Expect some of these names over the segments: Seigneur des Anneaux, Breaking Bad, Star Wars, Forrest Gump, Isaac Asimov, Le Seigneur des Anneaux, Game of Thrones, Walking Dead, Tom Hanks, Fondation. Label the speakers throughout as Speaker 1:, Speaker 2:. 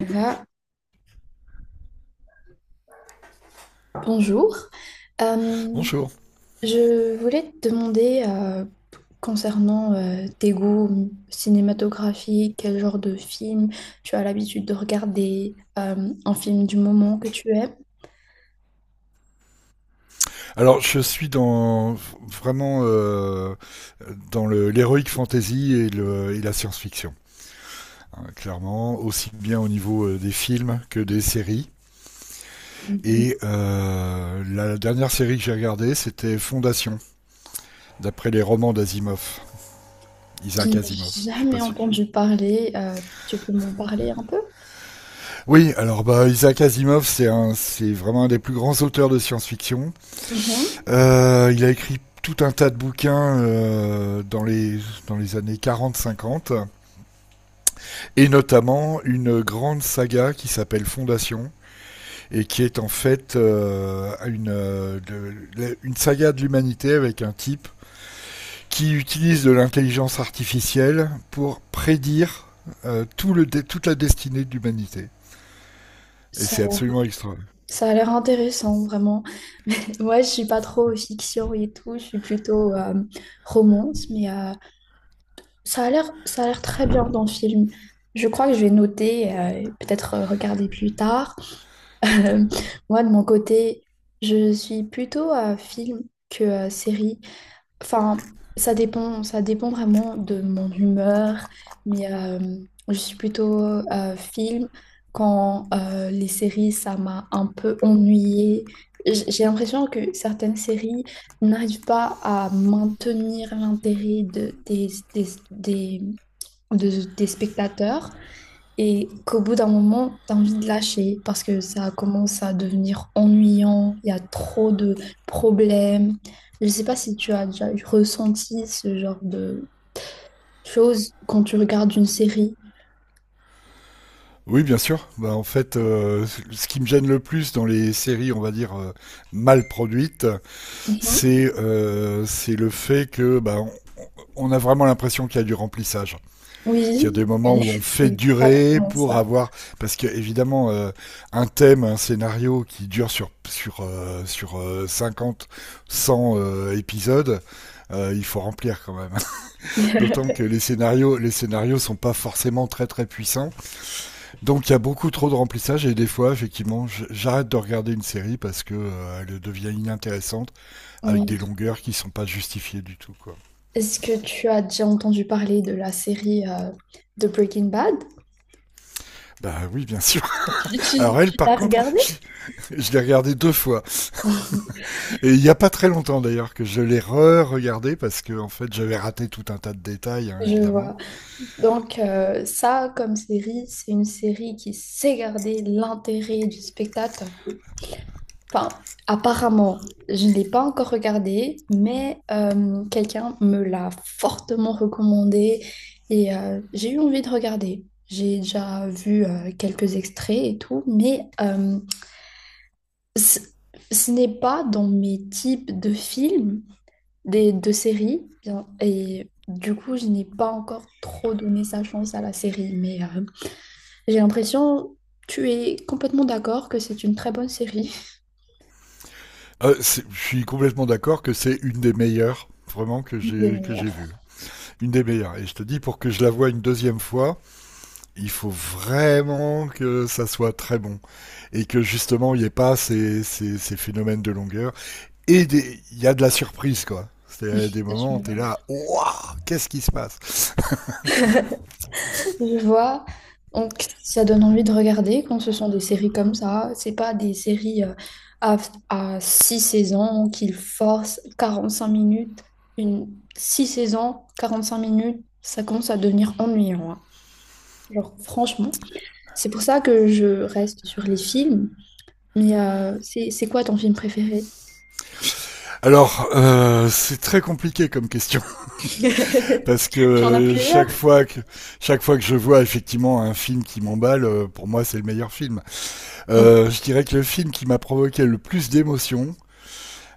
Speaker 1: Voilà, bonjour. Euh,
Speaker 2: Bonjour.
Speaker 1: je voulais te demander concernant tes goûts cinématographiques, quel genre de film tu as l'habitude de regarder, un film du moment que tu aimes.
Speaker 2: Alors, je suis dans vraiment dans l'héroïque fantasy et, et la science-fiction, hein, clairement, aussi bien au niveau des films que des séries.
Speaker 1: Mhm.
Speaker 2: Et la dernière série que j'ai regardée, c'était Fondation, d'après les romans d'Asimov.
Speaker 1: Je
Speaker 2: Isaac
Speaker 1: n'ai
Speaker 2: Asimov, je sais pas
Speaker 1: jamais
Speaker 2: si.
Speaker 1: entendu parler. Tu peux m'en parler un peu?
Speaker 2: Oui, alors Isaac Asimov, c'est c'est vraiment un des plus grands auteurs de science-fiction.
Speaker 1: Mhm.
Speaker 2: Il a écrit tout un tas de bouquins dans les années 40-50. Et notamment une grande saga qui s'appelle Fondation et qui est en fait une saga de l'humanité avec un type qui utilise de l'intelligence artificielle pour prédire toute la destinée de l'humanité. Et
Speaker 1: Ça,
Speaker 2: c'est absolument extra.
Speaker 1: ça a l'air intéressant, vraiment. Ouais, je suis pas trop fiction et tout, je suis plutôt romance, Ça a l'air très bien dans le film. Je crois que je vais noter, peut-être regarder plus tard. Euh, moi, de mon côté, je suis plutôt film que série. Enfin, ça dépend vraiment de mon humeur, mais euh, je suis plutôt film quand les séries, ça m'a un peu ennuyée. J'ai l'impression que certaines séries n'arrivent pas à maintenir l'intérêt de, des, des- de, des spectateurs et qu'au bout d'un moment, tu as envie de lâcher parce que ça commence à devenir ennuyant, il y a trop de problèmes. Je ne sais pas si tu as déjà ressenti ce genre de choses quand tu regardes une série.
Speaker 2: Oui, bien sûr. Bah, en fait, ce qui me gêne le plus dans les séries, on va dire, mal produites,
Speaker 1: Mhm.
Speaker 2: c'est le fait que bah, on a vraiment l'impression qu'il y a du remplissage. Il y a
Speaker 1: Oui,
Speaker 2: des moments
Speaker 1: oui,
Speaker 2: où on fait
Speaker 1: c'est
Speaker 2: durer
Speaker 1: exactement
Speaker 2: pour
Speaker 1: ça.
Speaker 2: avoir parce que évidemment un thème, un scénario qui dure sur 50 100 épisodes, il faut remplir quand même. D'autant que les scénarios sont pas forcément très très puissants. Donc il y a beaucoup trop de remplissage et des fois effectivement, j'arrête de regarder une série parce que elle devient inintéressante avec
Speaker 1: Oui.
Speaker 2: des longueurs qui sont pas justifiées du tout quoi.
Speaker 1: Est-ce que tu as déjà entendu parler de la série de Breaking Bad?
Speaker 2: Bah oui, bien sûr.
Speaker 1: Tu, tu-
Speaker 2: Alors elle
Speaker 1: tu
Speaker 2: par
Speaker 1: l'as
Speaker 2: contre,
Speaker 1: regardée?
Speaker 2: je l'ai regardée deux fois. Et il n'y a pas très longtemps d'ailleurs que je l'ai re-regardé parce que en fait j'avais raté tout un tas de détails hein,
Speaker 1: Je
Speaker 2: évidemment.
Speaker 1: vois. Donc ça, comme série, c'est une série qui sait garder l'intérêt du spectateur. Enfin, apparemment, je ne l'ai pas encore regardée, mais quelqu'un me l'a fortement recommandée et j'ai eu envie de regarder. J'ai déjà vu quelques extraits et tout, mais ce ce n'est pas dans mes types de films, de séries, bien, et du coup, je n'ai pas encore trop donné sa chance à la série, J'ai l'impression, tu es complètement d'accord que c'est une très bonne série.
Speaker 2: Je suis complètement d'accord que c'est une des meilleures vraiment que
Speaker 1: Une des
Speaker 2: j'ai
Speaker 1: meilleures.
Speaker 2: vue. Une des meilleures. Et je te dis pour que je la voie une deuxième fois, il faut vraiment que ça soit très bon et que justement il n'y ait pas ces phénomènes de longueur il y a de la surprise quoi. C'est des moments où t'es
Speaker 1: Je,
Speaker 2: là, waouh, qu'est-ce qui se passe.
Speaker 1: je vois. Donc, ça donne envie de regarder quand ce sont des séries comme ça. C'est pas des séries à, à six saisons qu'ils forcent 45 minutes. Une six saisons, 45 minutes, ça commence à devenir ennuyant, hein. Genre, franchement. C'est pour ça que je reste sur les films. Mais c'est quoi ton film préféré?
Speaker 2: Alors, c'est très compliqué comme question. Parce que
Speaker 1: Tu en as plusieurs?
Speaker 2: chaque fois que je vois effectivement un film qui m'emballe, pour moi c'est le meilleur film.
Speaker 1: Oui.
Speaker 2: Je dirais que le film qui m'a provoqué le plus d'émotions,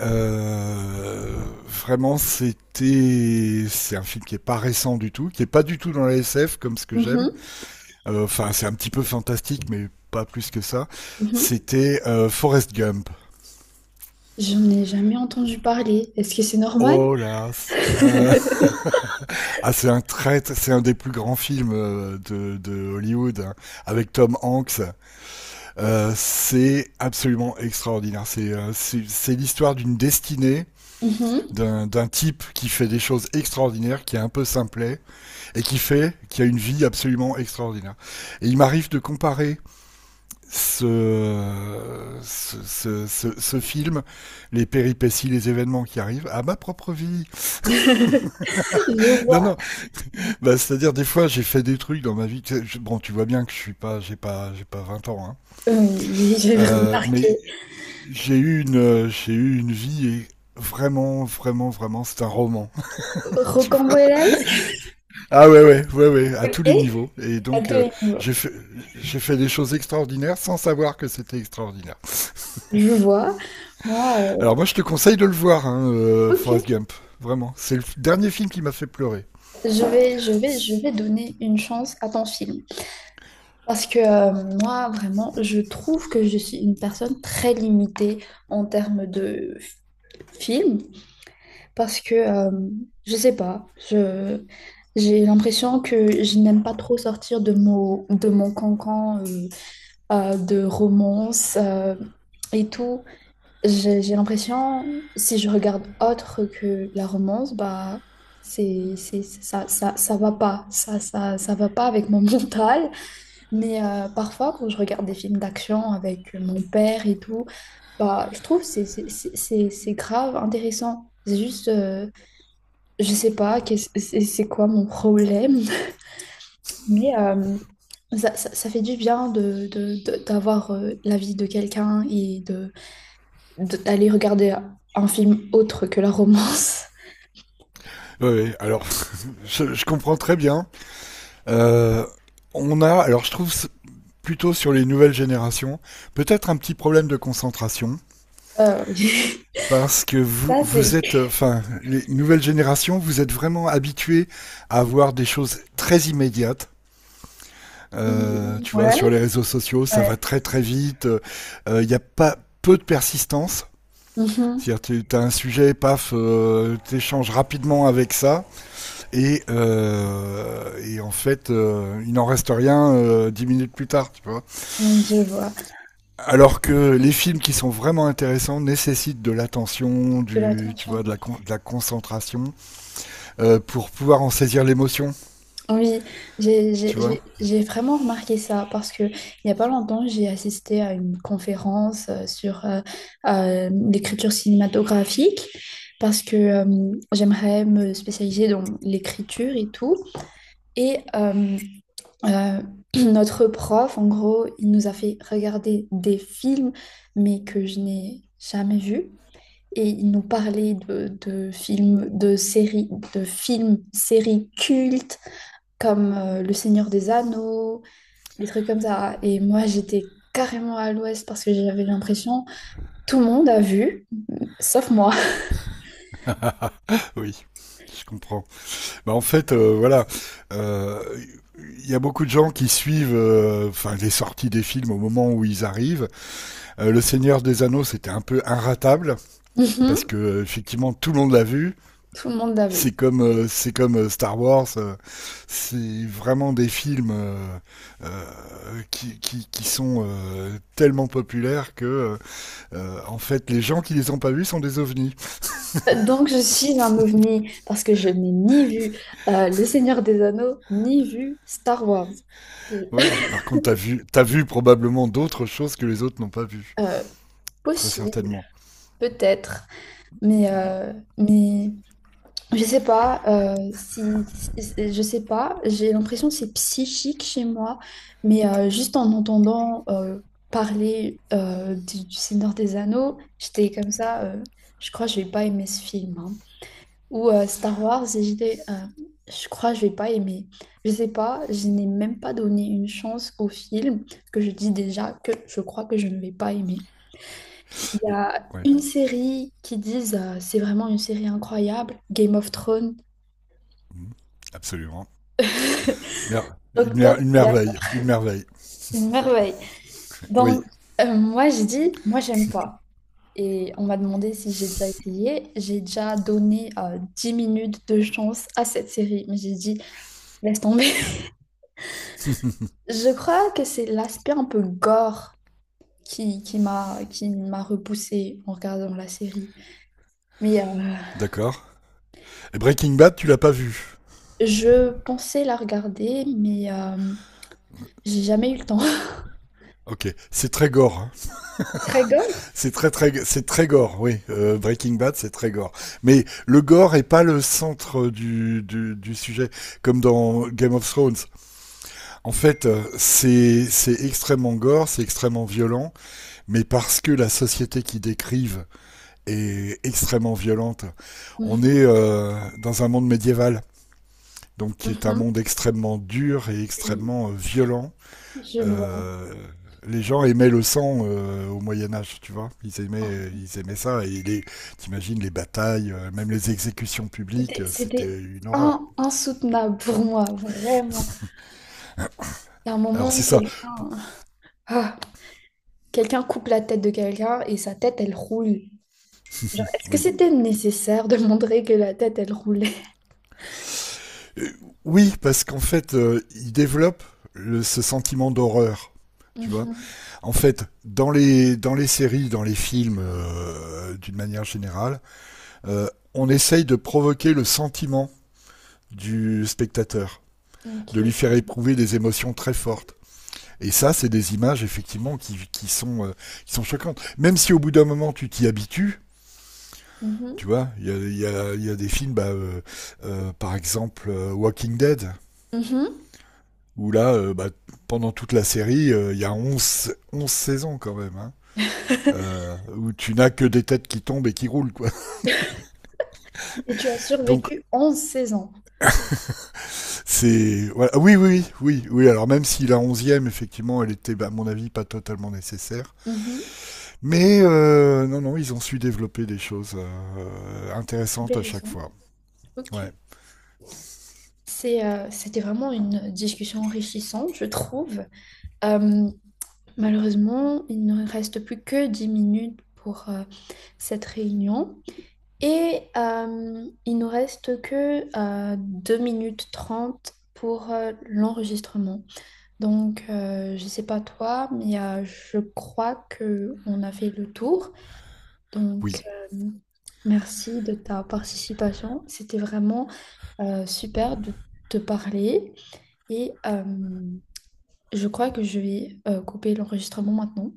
Speaker 2: euh, vraiment c'est un film qui est pas récent du tout, qui est pas du tout dans la SF comme ce que j'aime.
Speaker 1: Mm-hmm.
Speaker 2: Enfin c'est un petit peu fantastique mais pas plus que ça.
Speaker 1: Mhm.
Speaker 2: C'était Forrest Gump.
Speaker 1: J'en ai jamais entendu parler. Est-ce que c'est normal?
Speaker 2: Oh là, euh, ah c'est un c'est un des plus grands films de Hollywood hein, avec Tom Hanks. C'est absolument extraordinaire. C'est c'est l'histoire d'une destinée
Speaker 1: Mhm.
Speaker 2: d'un type qui fait des choses extraordinaires, qui est un peu simplet et qui fait, qui a une vie absolument extraordinaire. Et il m'arrive de comparer ce film, les péripéties, les événements qui arrivent à ma propre vie.
Speaker 1: Je
Speaker 2: Non,
Speaker 1: vois.
Speaker 2: non, bah, c'est-à-dire des fois j'ai fait des trucs dans ma vie. Bon, tu vois bien que je suis pas, j'ai pas 20 ans, hein.
Speaker 1: Oui, oui, j'ai
Speaker 2: Euh, mais
Speaker 1: remarqué.
Speaker 2: J'ai eu une vie et vraiment, vraiment, vraiment, c'est un roman, tu vois.
Speaker 1: Rocambolesque,
Speaker 2: Ah ouais, ouais, ouais, ouais, à tous
Speaker 1: ok,
Speaker 2: les niveaux. Et
Speaker 1: à
Speaker 2: donc,
Speaker 1: tous les niveaux.
Speaker 2: j'ai fait, j'ai fait des choses extraordinaires sans savoir que c'était extraordinaire.
Speaker 1: Je vois. Moi,
Speaker 2: Alors moi, je te conseille de le voir, hein, Forrest
Speaker 1: ok.
Speaker 2: Gump. Vraiment, c'est dernier film qui m'a fait pleurer.
Speaker 1: Je vais donner une chance à ton film. Parce que moi, vraiment, je trouve que je suis une personne très limitée en termes de film. Parce que je sais pas, je j'ai l'impression que je n'aime pas trop sortir de mon cancan de romance et tout. J'ai l'impression si je regarde autre que la romance, bah c'est ça va pas, ça va pas avec mon mental. Mais parfois quand je regarde des films d'action avec mon père et tout, bah je trouve c'est grave intéressant. C'est juste je sais pas quest c'est quoi mon problème, mais euh, ça fait du bien d'avoir l'avis de quelqu'un et d'aller regarder un film autre que la romance.
Speaker 2: Ouais, ouais, alors, je comprends très bien. Euh, on a, alors je trouve plutôt sur les nouvelles générations, peut-être un petit problème de concentration.
Speaker 1: Euh,
Speaker 2: Parce que
Speaker 1: Ça,
Speaker 2: vous
Speaker 1: c'est.
Speaker 2: êtes, enfin, les nouvelles générations, vous êtes vraiment habitués à avoir des choses très immédiates.
Speaker 1: Mm,
Speaker 2: Tu vois, sur les
Speaker 1: ouais,
Speaker 2: réseaux sociaux, ça
Speaker 1: ouais.
Speaker 2: va très très vite. Il n'y a pas peu de persistance.
Speaker 1: Mhm.
Speaker 2: C'est-à-dire, tu as un sujet, paf, t'échanges rapidement avec ça, et en fait, il n'en reste rien 10 minutes plus tard, tu vois.
Speaker 1: Oui, je vois
Speaker 2: Alors que les films qui sont vraiment intéressants nécessitent de l'attention,
Speaker 1: de
Speaker 2: tu vois,
Speaker 1: l'attention.
Speaker 2: de la concentration, pour pouvoir en saisir l'émotion,
Speaker 1: Oui, j'ai
Speaker 2: tu
Speaker 1: j'ai-
Speaker 2: vois.
Speaker 1: j'ai- j'ai vraiment remarqué ça parce que il n'y a pas longtemps, j'ai assisté à une conférence sur l'écriture cinématographique parce que j'aimerais me spécialiser dans l'écriture et tout. Et euh, notre prof, en gros, il nous a fait regarder des films, mais que je n'ai jamais vus. Et il nous parlait de films, de séries, de films, séries cultes comme Le Seigneur des Anneaux, des trucs comme ça. Et moi, j'étais carrément à l'ouest parce que j'avais l'impression tout le monde a vu, sauf moi.
Speaker 2: Oui, je comprends. Bah, en fait, voilà, euh, il y a beaucoup de gens qui suivent enfin les sorties des films au moment où ils arrivent. Le Seigneur des Anneaux, c'était un peu inratable parce
Speaker 1: Mhm.
Speaker 2: que effectivement tout le monde l'a vu.
Speaker 1: Tout le monde l'a vu.
Speaker 2: C'est comme Star Wars, c'est vraiment des films qui sont tellement populaires que en fait les gens qui les ont pas vus sont des ovnis.
Speaker 1: Donc, je suis un ovni parce que je n'ai ni vu Le Seigneur des Anneaux, ni vu Star Wars.
Speaker 2: Ouais, par contre, t'as vu probablement d'autres choses que les autres n'ont pas vues,
Speaker 1: Euh,
Speaker 2: très
Speaker 1: possible,
Speaker 2: certainement.
Speaker 1: peut-être, mais, euh, mais je sais pas, je sais pas, j'ai l'impression que c'est psychique chez moi, mais juste en entendant parler du Seigneur des Anneaux, j'étais comme ça, je crois que je vais pas aimer ce film, hein. Ou Star Wars, et j'étais, je crois que je vais pas aimer. Je sais pas, je n'ai même pas donné une chance au film, parce que je dis déjà que je crois que je ne vais pas aimer. Il y
Speaker 2: Ou-
Speaker 1: a
Speaker 2: Ouais,
Speaker 1: une série qui disent c'est vraiment une série incroyable, Game of Thrones.
Speaker 2: mhm, absolument.
Speaker 1: Donc, toi, tu
Speaker 2: Une
Speaker 1: es d'accord.
Speaker 2: merveille, une merveille.
Speaker 1: Une merveille.
Speaker 2: Oui,
Speaker 1: Donc, moi, j'ai dit, moi, j'aime pas. Et on m'a demandé si j'ai déjà essayé. J'ai déjà donné 10 minutes de chance à cette série, mais j'ai dit, laisse tomber. Je crois que c'est l'aspect un peu gore qui m'a repoussée en regardant la série. Mais
Speaker 2: d'accord. Et Breaking Bad, tu l'as pas vu.
Speaker 1: je pensais la regarder, mais j'ai jamais eu le temps.
Speaker 2: Ok, c'est très gore, hein.
Speaker 1: Très gore?
Speaker 2: C'est c'est très gore. Oui, Breaking Bad, c'est très gore. Mais le gore est pas le centre du sujet, comme dans Game of Thrones. En fait, c'est extrêmement gore, c'est extrêmement violent. Mais parce que la société qu'ils décrivent est extrêmement violente. On
Speaker 1: Mhm,
Speaker 2: est dans un monde médiéval, donc qui est un
Speaker 1: mhm.
Speaker 2: monde extrêmement dur et
Speaker 1: Oui,
Speaker 2: extrêmement violent.
Speaker 1: je vois.
Speaker 2: Euh, les gens aimaient le sang au Moyen Âge, tu vois. Ils aimaient ça. Et t'imagines les batailles, même les exécutions publiques,
Speaker 1: C'était,
Speaker 2: c'était
Speaker 1: c'était
Speaker 2: une horreur.
Speaker 1: insoutenable pour moi, vraiment. Il y a un
Speaker 2: Alors
Speaker 1: moment,
Speaker 2: c'est ça. Bon,
Speaker 1: ah, quelqu'un coupe la tête de quelqu'un et sa tête, elle roule. Genre, est-ce que
Speaker 2: oui,
Speaker 1: c'était nécessaire de montrer que la tête, elle roulait?
Speaker 2: Euh, oui, parce qu'en fait, ils développent ce sentiment d'horreur, tu vois.
Speaker 1: Mhm,
Speaker 2: En fait, dans dans les séries, dans les films, d'une manière générale, euh, on essaye de provoquer le sentiment du spectateur, de lui
Speaker 1: ok.
Speaker 2: faire éprouver des émotions très fortes. Et ça, c'est des images effectivement qui sont choquantes. Même si au bout d'un moment tu t'y habitues,
Speaker 1: Mhm,
Speaker 2: tu vois, y a des films, par exemple Walking Dead,
Speaker 1: mhm.
Speaker 2: où là, pendant toute la série, il y a 11, 11 saisons quand même, hein. Où tu n'as que des têtes qui tombent et qui roulent quoi.
Speaker 1: Et tu as
Speaker 2: Donc
Speaker 1: survécu 11 16 ans.
Speaker 2: c'est voilà. Oui oui oui oui alors même si la onzième effectivement elle était bah, à mon avis pas totalement nécessaire
Speaker 1: Mhm,
Speaker 2: mais non non ils ont su développer des choses intéressantes à chaque
Speaker 1: intéressant.
Speaker 2: fois. Ouais,
Speaker 1: Ok. C'était vraiment une discussion enrichissante, je trouve. Euh, malheureusement, il ne reste plus que 10 minutes pour cette réunion. Et il nous reste que 2 minutes 30 pour l'enregistrement. Donc, je ne sais pas toi, mais je crois que on a fait le tour. Donc,
Speaker 2: oui.
Speaker 1: euh, merci de ta participation. C'était vraiment super de te parler. Et je crois que je vais couper l'enregistrement maintenant.